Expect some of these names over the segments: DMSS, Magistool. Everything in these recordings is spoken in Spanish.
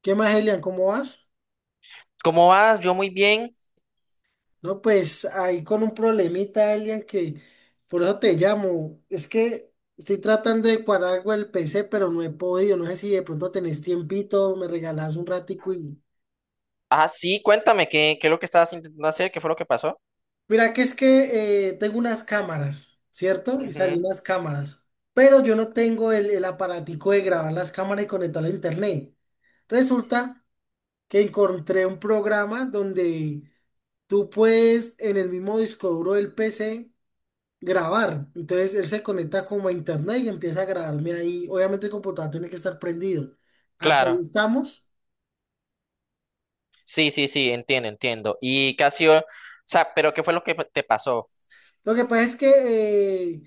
¿Qué más, Elian? ¿Cómo vas? ¿Cómo vas? Yo muy bien. No, pues ahí con un problemita, Elian, que por eso te llamo. Es que estoy tratando de cuadrar algo del PC, pero no he podido. No sé si de pronto tenés tiempito, me regalás un ratico y... Ah, sí, cuéntame, ¿qué es lo que estabas intentando hacer? ¿Qué fue lo que pasó? Mira que es que tengo unas cámaras, ¿cierto? Y salí Ujú, unas cámaras. Pero yo no tengo el aparatico de grabar las cámaras y conectarlo a internet. Resulta que encontré un programa donde... Tú puedes en el mismo disco duro del PC grabar. Entonces él se conecta como a internet y empieza a grabarme ahí. Obviamente el computador tiene que estar prendido. Hasta ahí claro. estamos. Sí, sí, sí, entiendo. ¿Y qué ha sido? O sea, ¿pero qué fue lo que te pasó? Lo que pasa es que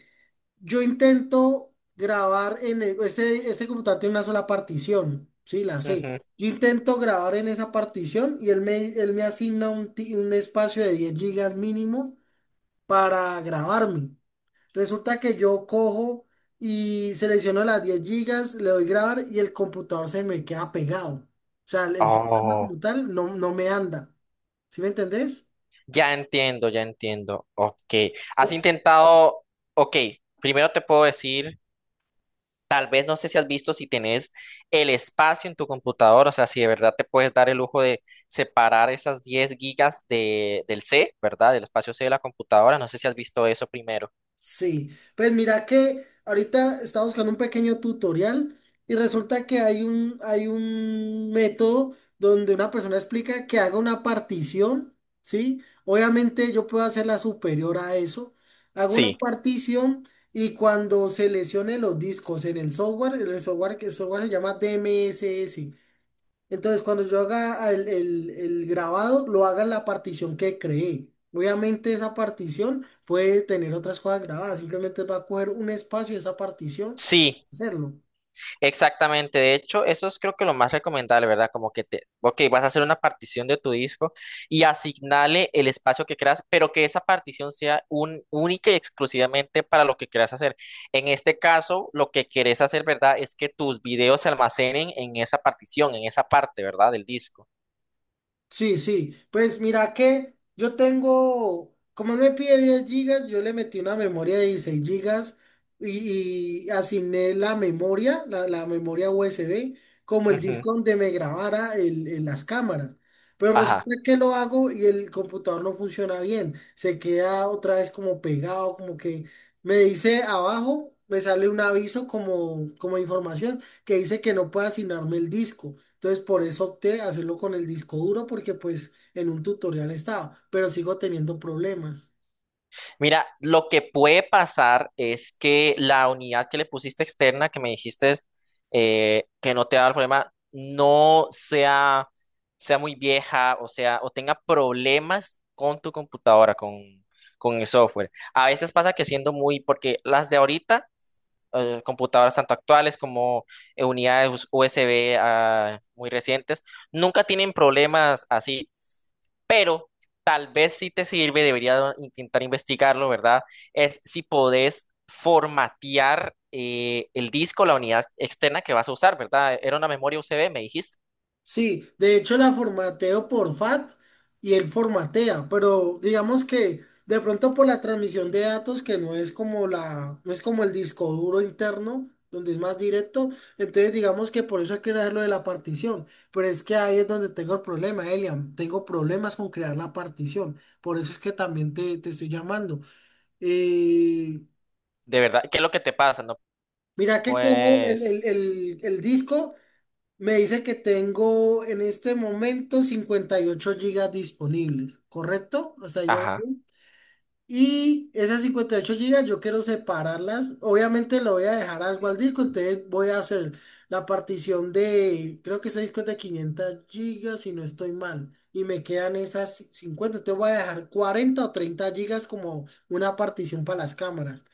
yo intento grabar en este computador tiene una sola partición. Sí, la sé. Ujú. Yo intento grabar en esa partición y él me asigna un espacio de 10 gigas mínimo para grabarme. Resulta que yo cojo y selecciono las 10 gigas, le doy grabar y el computador se me queda pegado. O sea, el programa Oh, como tal no me anda. ¿Sí me entendés? ya entiendo. Ok. ¿Has intentado? Ok, primero te puedo decir, tal vez no sé si has visto si tenés el espacio en tu computador, o sea, si de verdad te puedes dar el lujo de separar esas 10 gigas de, del C, ¿verdad? Del espacio C de la computadora. No sé si has visto eso primero. Sí, pues mira que ahorita estaba buscando un pequeño tutorial y resulta que hay un método donde una persona explica que haga una partición, ¿sí? Obviamente yo puedo hacerla superior a eso. Hago una Sí, partición y cuando seleccione los discos en el software, que el software se llama DMSS. Entonces, cuando yo haga el grabado, lo haga en la partición que creé. Obviamente esa partición puede tener otras cosas grabadas, simplemente va a coger un espacio de esa partición, sí, hacerlo. exactamente. De hecho, eso es creo que lo más recomendable, ¿verdad? Como que te, ok, vas a hacer una partición de tu disco y asignale el espacio que creas, pero que esa partición sea un, única y exclusivamente para lo que quieras hacer. En este caso, lo que querés hacer, ¿verdad? Es que tus videos se almacenen en esa partición, en esa parte, ¿verdad? Del disco. Sí, sí. Pues mira que yo tengo, como él me pide 10 gigas, yo le metí una memoria de 16 gigas y asigné la memoria USB, como el Ujú, disco donde me grabara las cámaras. Pero ajá. resulta que lo hago y el computador no funciona bien. Se queda otra vez como pegado, como que me dice abajo, me sale un aviso como información que dice que no puede asignarme el disco. Entonces por eso opté a hacerlo con el disco duro porque pues en un tutorial estaba, pero sigo teniendo problemas. Mira, lo que puede pasar es que la unidad que le pusiste externa, que me dijiste que no te va a dar problema, no sea, sea muy vieja, o sea, o tenga problemas con tu computadora, con el software. A veces pasa que siendo muy, porque las de ahorita computadoras tanto actuales como USB muy recientes, nunca tienen problemas así, pero tal vez si te sirve, debería intentar investigarlo, ¿verdad? Es si podés formatear el disco, la unidad externa que vas a usar, ¿verdad? Era una memoria USB, me dijiste, Sí, de hecho la formateo por FAT y él formatea, pero digamos que de pronto por la transmisión de datos que no es como no es como el disco duro interno, donde es más directo, entonces digamos que por eso hay que crear lo de la partición, pero es que ahí es donde tengo el problema, Elian, tengo problemas con crear la partición, por eso es que también te estoy llamando. Eh, de verdad, ¿qué es lo que te pasa? No, Mira que como pues, el disco me dice que tengo en este momento 58 gigas disponibles, ¿correcto? Hasta ahí vamos ajá, bien. Y esas 58 gigas yo quiero separarlas. Obviamente le voy a dejar algo al disco, entonces voy a hacer la partición de, creo que ese disco es de 500 gigas si no estoy mal. Y me quedan esas 50. Entonces voy a dejar 40 o 30 gigas como una partición para las cámaras.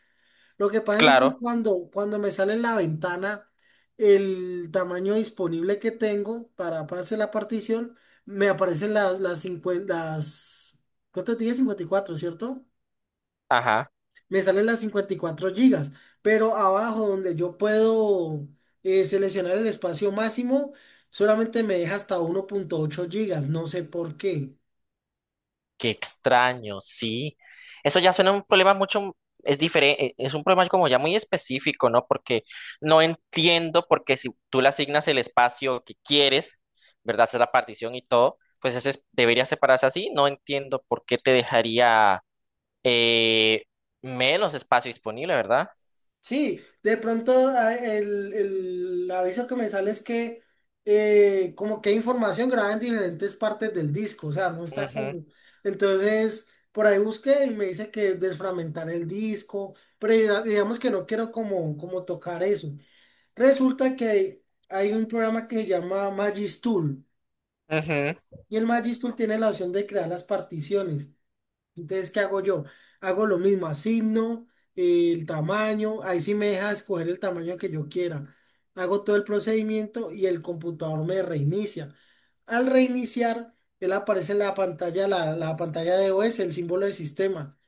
Lo que pasa es que claro, cuando me sale en la ventana el tamaño disponible que tengo para hacer la partición, me aparecen ¿cuánto dije? 54, ¿cierto? ajá. Me salen las 54 gigas, pero abajo donde yo puedo seleccionar el espacio máximo, solamente me deja hasta 1.8 gigas, no sé por qué. Qué extraño, sí. Eso ya suena un problema mucho, es diferente, es un problema como ya muy específico, ¿no? Porque no entiendo porque si tú le asignas el espacio que quieres, ¿verdad? Hacer la partición y todo, pues ese es- debería separarse así. No entiendo por qué te dejaría eh, menos espacio disponible, ¿verdad? Sí, de pronto el aviso que me sale es que como que hay información grabada en diferentes partes del disco, o sea, no está Ujú, como... Entonces, por ahí busqué y me dice que desfragmentar el disco, pero digamos que no quiero como tocar eso. Resulta que hay un programa que se llama Magistool ujú. y el Magistool tiene la opción de crear las particiones. Entonces, ¿qué hago yo? Hago lo mismo, asigno el tamaño, ahí sí me deja escoger el tamaño que yo quiera. Hago todo el procedimiento y el computador me reinicia. Al reiniciar, él aparece en la pantalla, la pantalla de OS, el símbolo del sistema.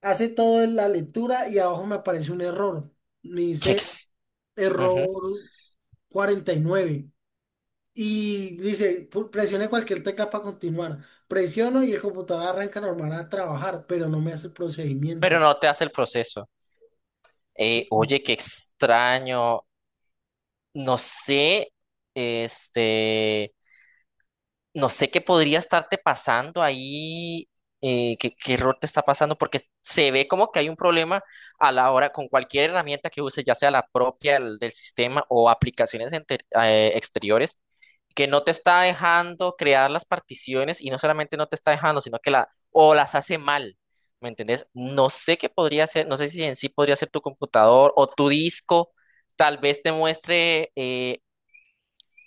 Hace toda la lectura y abajo me aparece un error. Me Qué dice ex- ujú. error 49. Y dice, presione cualquier tecla para continuar. Presiono y el computador arranca normal a trabajar, pero no me hace el Pero procedimiento. no te hace el proceso. Sí, Oye, qué extraño. No sé, este. no sé qué podría estarte pasando ahí, qué error te está pasando, porque se ve como que hay un problema a la hora con cualquier herramienta que uses, ya sea la propia del, del sistema o aplicaciones exteriores, que no te está dejando crear las particiones y no solamente no te está dejando, sino que la, o las hace mal. ¿Me entendés? No sé qué podría ser, no sé si en sí podría ser tu computador o tu disco, tal vez te muestre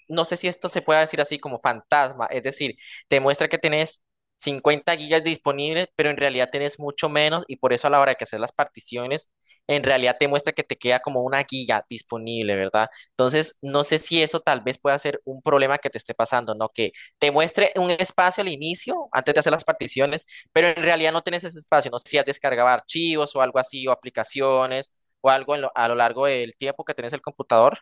no sé si esto se puede decir así como fantasma, es decir, te muestra que tenés 50 gigas disponibles, pero en realidad tenés mucho menos y por eso a la hora de que haces las particiones, en realidad te muestra que te queda como 1 giga disponible, ¿verdad? Entonces, no sé si eso tal vez pueda ser un problema que te esté pasando, ¿no? Que te muestre un espacio al inicio, antes de hacer las particiones, pero en realidad no tenés ese espacio, no sé si has descargado archivos o algo así, o aplicaciones, o algo en a lo largo del tiempo que tenés el computador.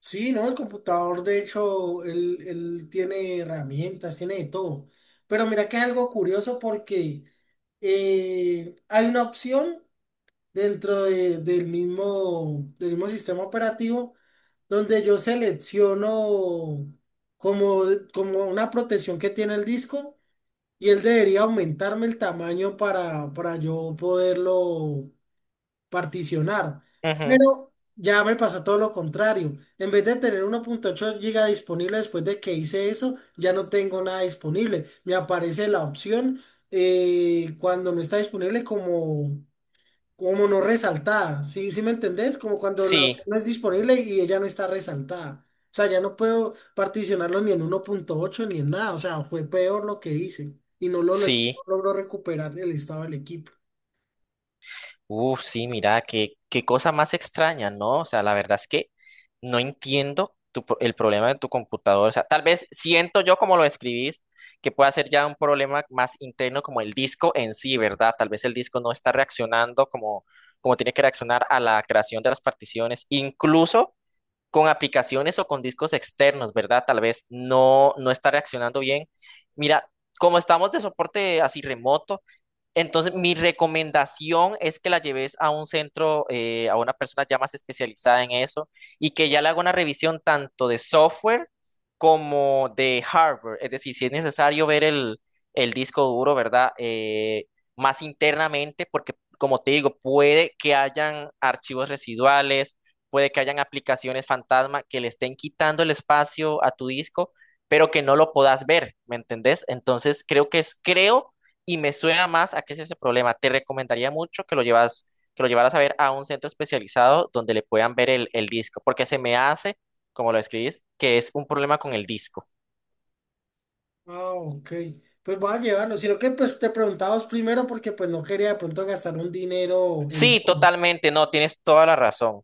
sí no, el computador, de hecho, él tiene herramientas, tiene de todo. Pero mira que es algo curioso porque hay una opción dentro del mismo sistema operativo donde yo selecciono como, como una protección que tiene el disco. Y él debería aumentarme el tamaño para yo poderlo particionar. Ujú, Pero ya me pasó todo lo contrario. En vez de tener 1.8 GB disponible después de que hice eso, ya no tengo nada disponible. Me aparece la opción cuando no está disponible como, como no resaltada, ¿sí, sí me entendés? Como cuando la sí, opción no es disponible y ella no está resaltada. O sea, ya no puedo particionarlo ni en 1.8 ni en nada. O sea, fue peor lo que hice y no sí. logró recuperar el estado del equipo. Uf, sí, mira, qué cosa más extraña, ¿no? O sea, la verdad es que no entiendo tu el problema de tu computador. O sea, tal vez siento yo como lo escribís, que pueda ser ya un problema más interno como el disco en sí, ¿verdad? Tal vez el disco no está reaccionando como, como tiene que reaccionar a la creación de las particiones, incluso con aplicaciones o con discos externos, ¿verdad? Tal vez no, no está reaccionando bien. Mira, como estamos de soporte así remoto. Entonces, mi recomendación es que la lleves a un centro, a una persona ya más especializada en eso y que ya le haga una revisión tanto de software como de hardware. Es decir, si es necesario ver el disco duro, ¿verdad? Más internamente, porque como te digo, puede que hayan archivos residuales, puede que hayan aplicaciones fantasma que le estén quitando el espacio a tu disco, pero que no lo puedas ver, ¿me entendés? Entonces, creo que es, creo y me suena más a que es ese problema. Te recomendaría mucho que lo llevas, que lo llevaras a ver a un centro especializado donde le puedan ver el disco, porque se me hace, como lo escribís, que es un problema con el disco. Ah, ok. Pues voy a llevarlo. Sino que pues te preguntabas primero porque pues no quería de pronto gastar un dinero en... Sí, vano. totalmente, no, tienes toda la razón.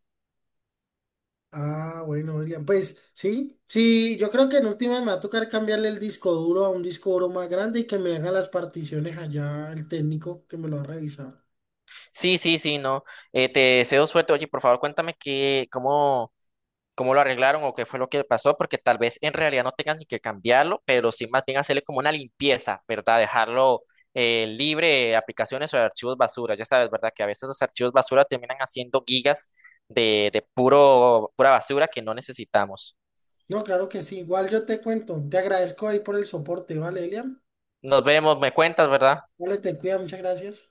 Ah, bueno, William, pues sí, sí, yo creo que en última me va a tocar cambiarle el disco duro a un disco duro más grande y que me haga las particiones allá el técnico que me lo va a revisar. Sí, sí, sí, no. Te deseo suerte. Oye, por favor, cuéntame cómo lo arreglaron o qué fue lo que pasó, porque tal vez en realidad no tengan ni que cambiarlo, pero sí más bien hacerle como una limpieza, ¿verdad? Dejarlo libre de aplicaciones o de archivos basura. Ya sabes, ¿verdad? Que a veces los archivos basura terminan haciendo gigas de puro, pura basura que no necesitamos. No, claro que sí, igual yo te cuento, te agradezco ahí por el soporte, ¿vale, William? Nos vemos, me cuentas, ¿verdad? Vale, te cuida, muchas gracias.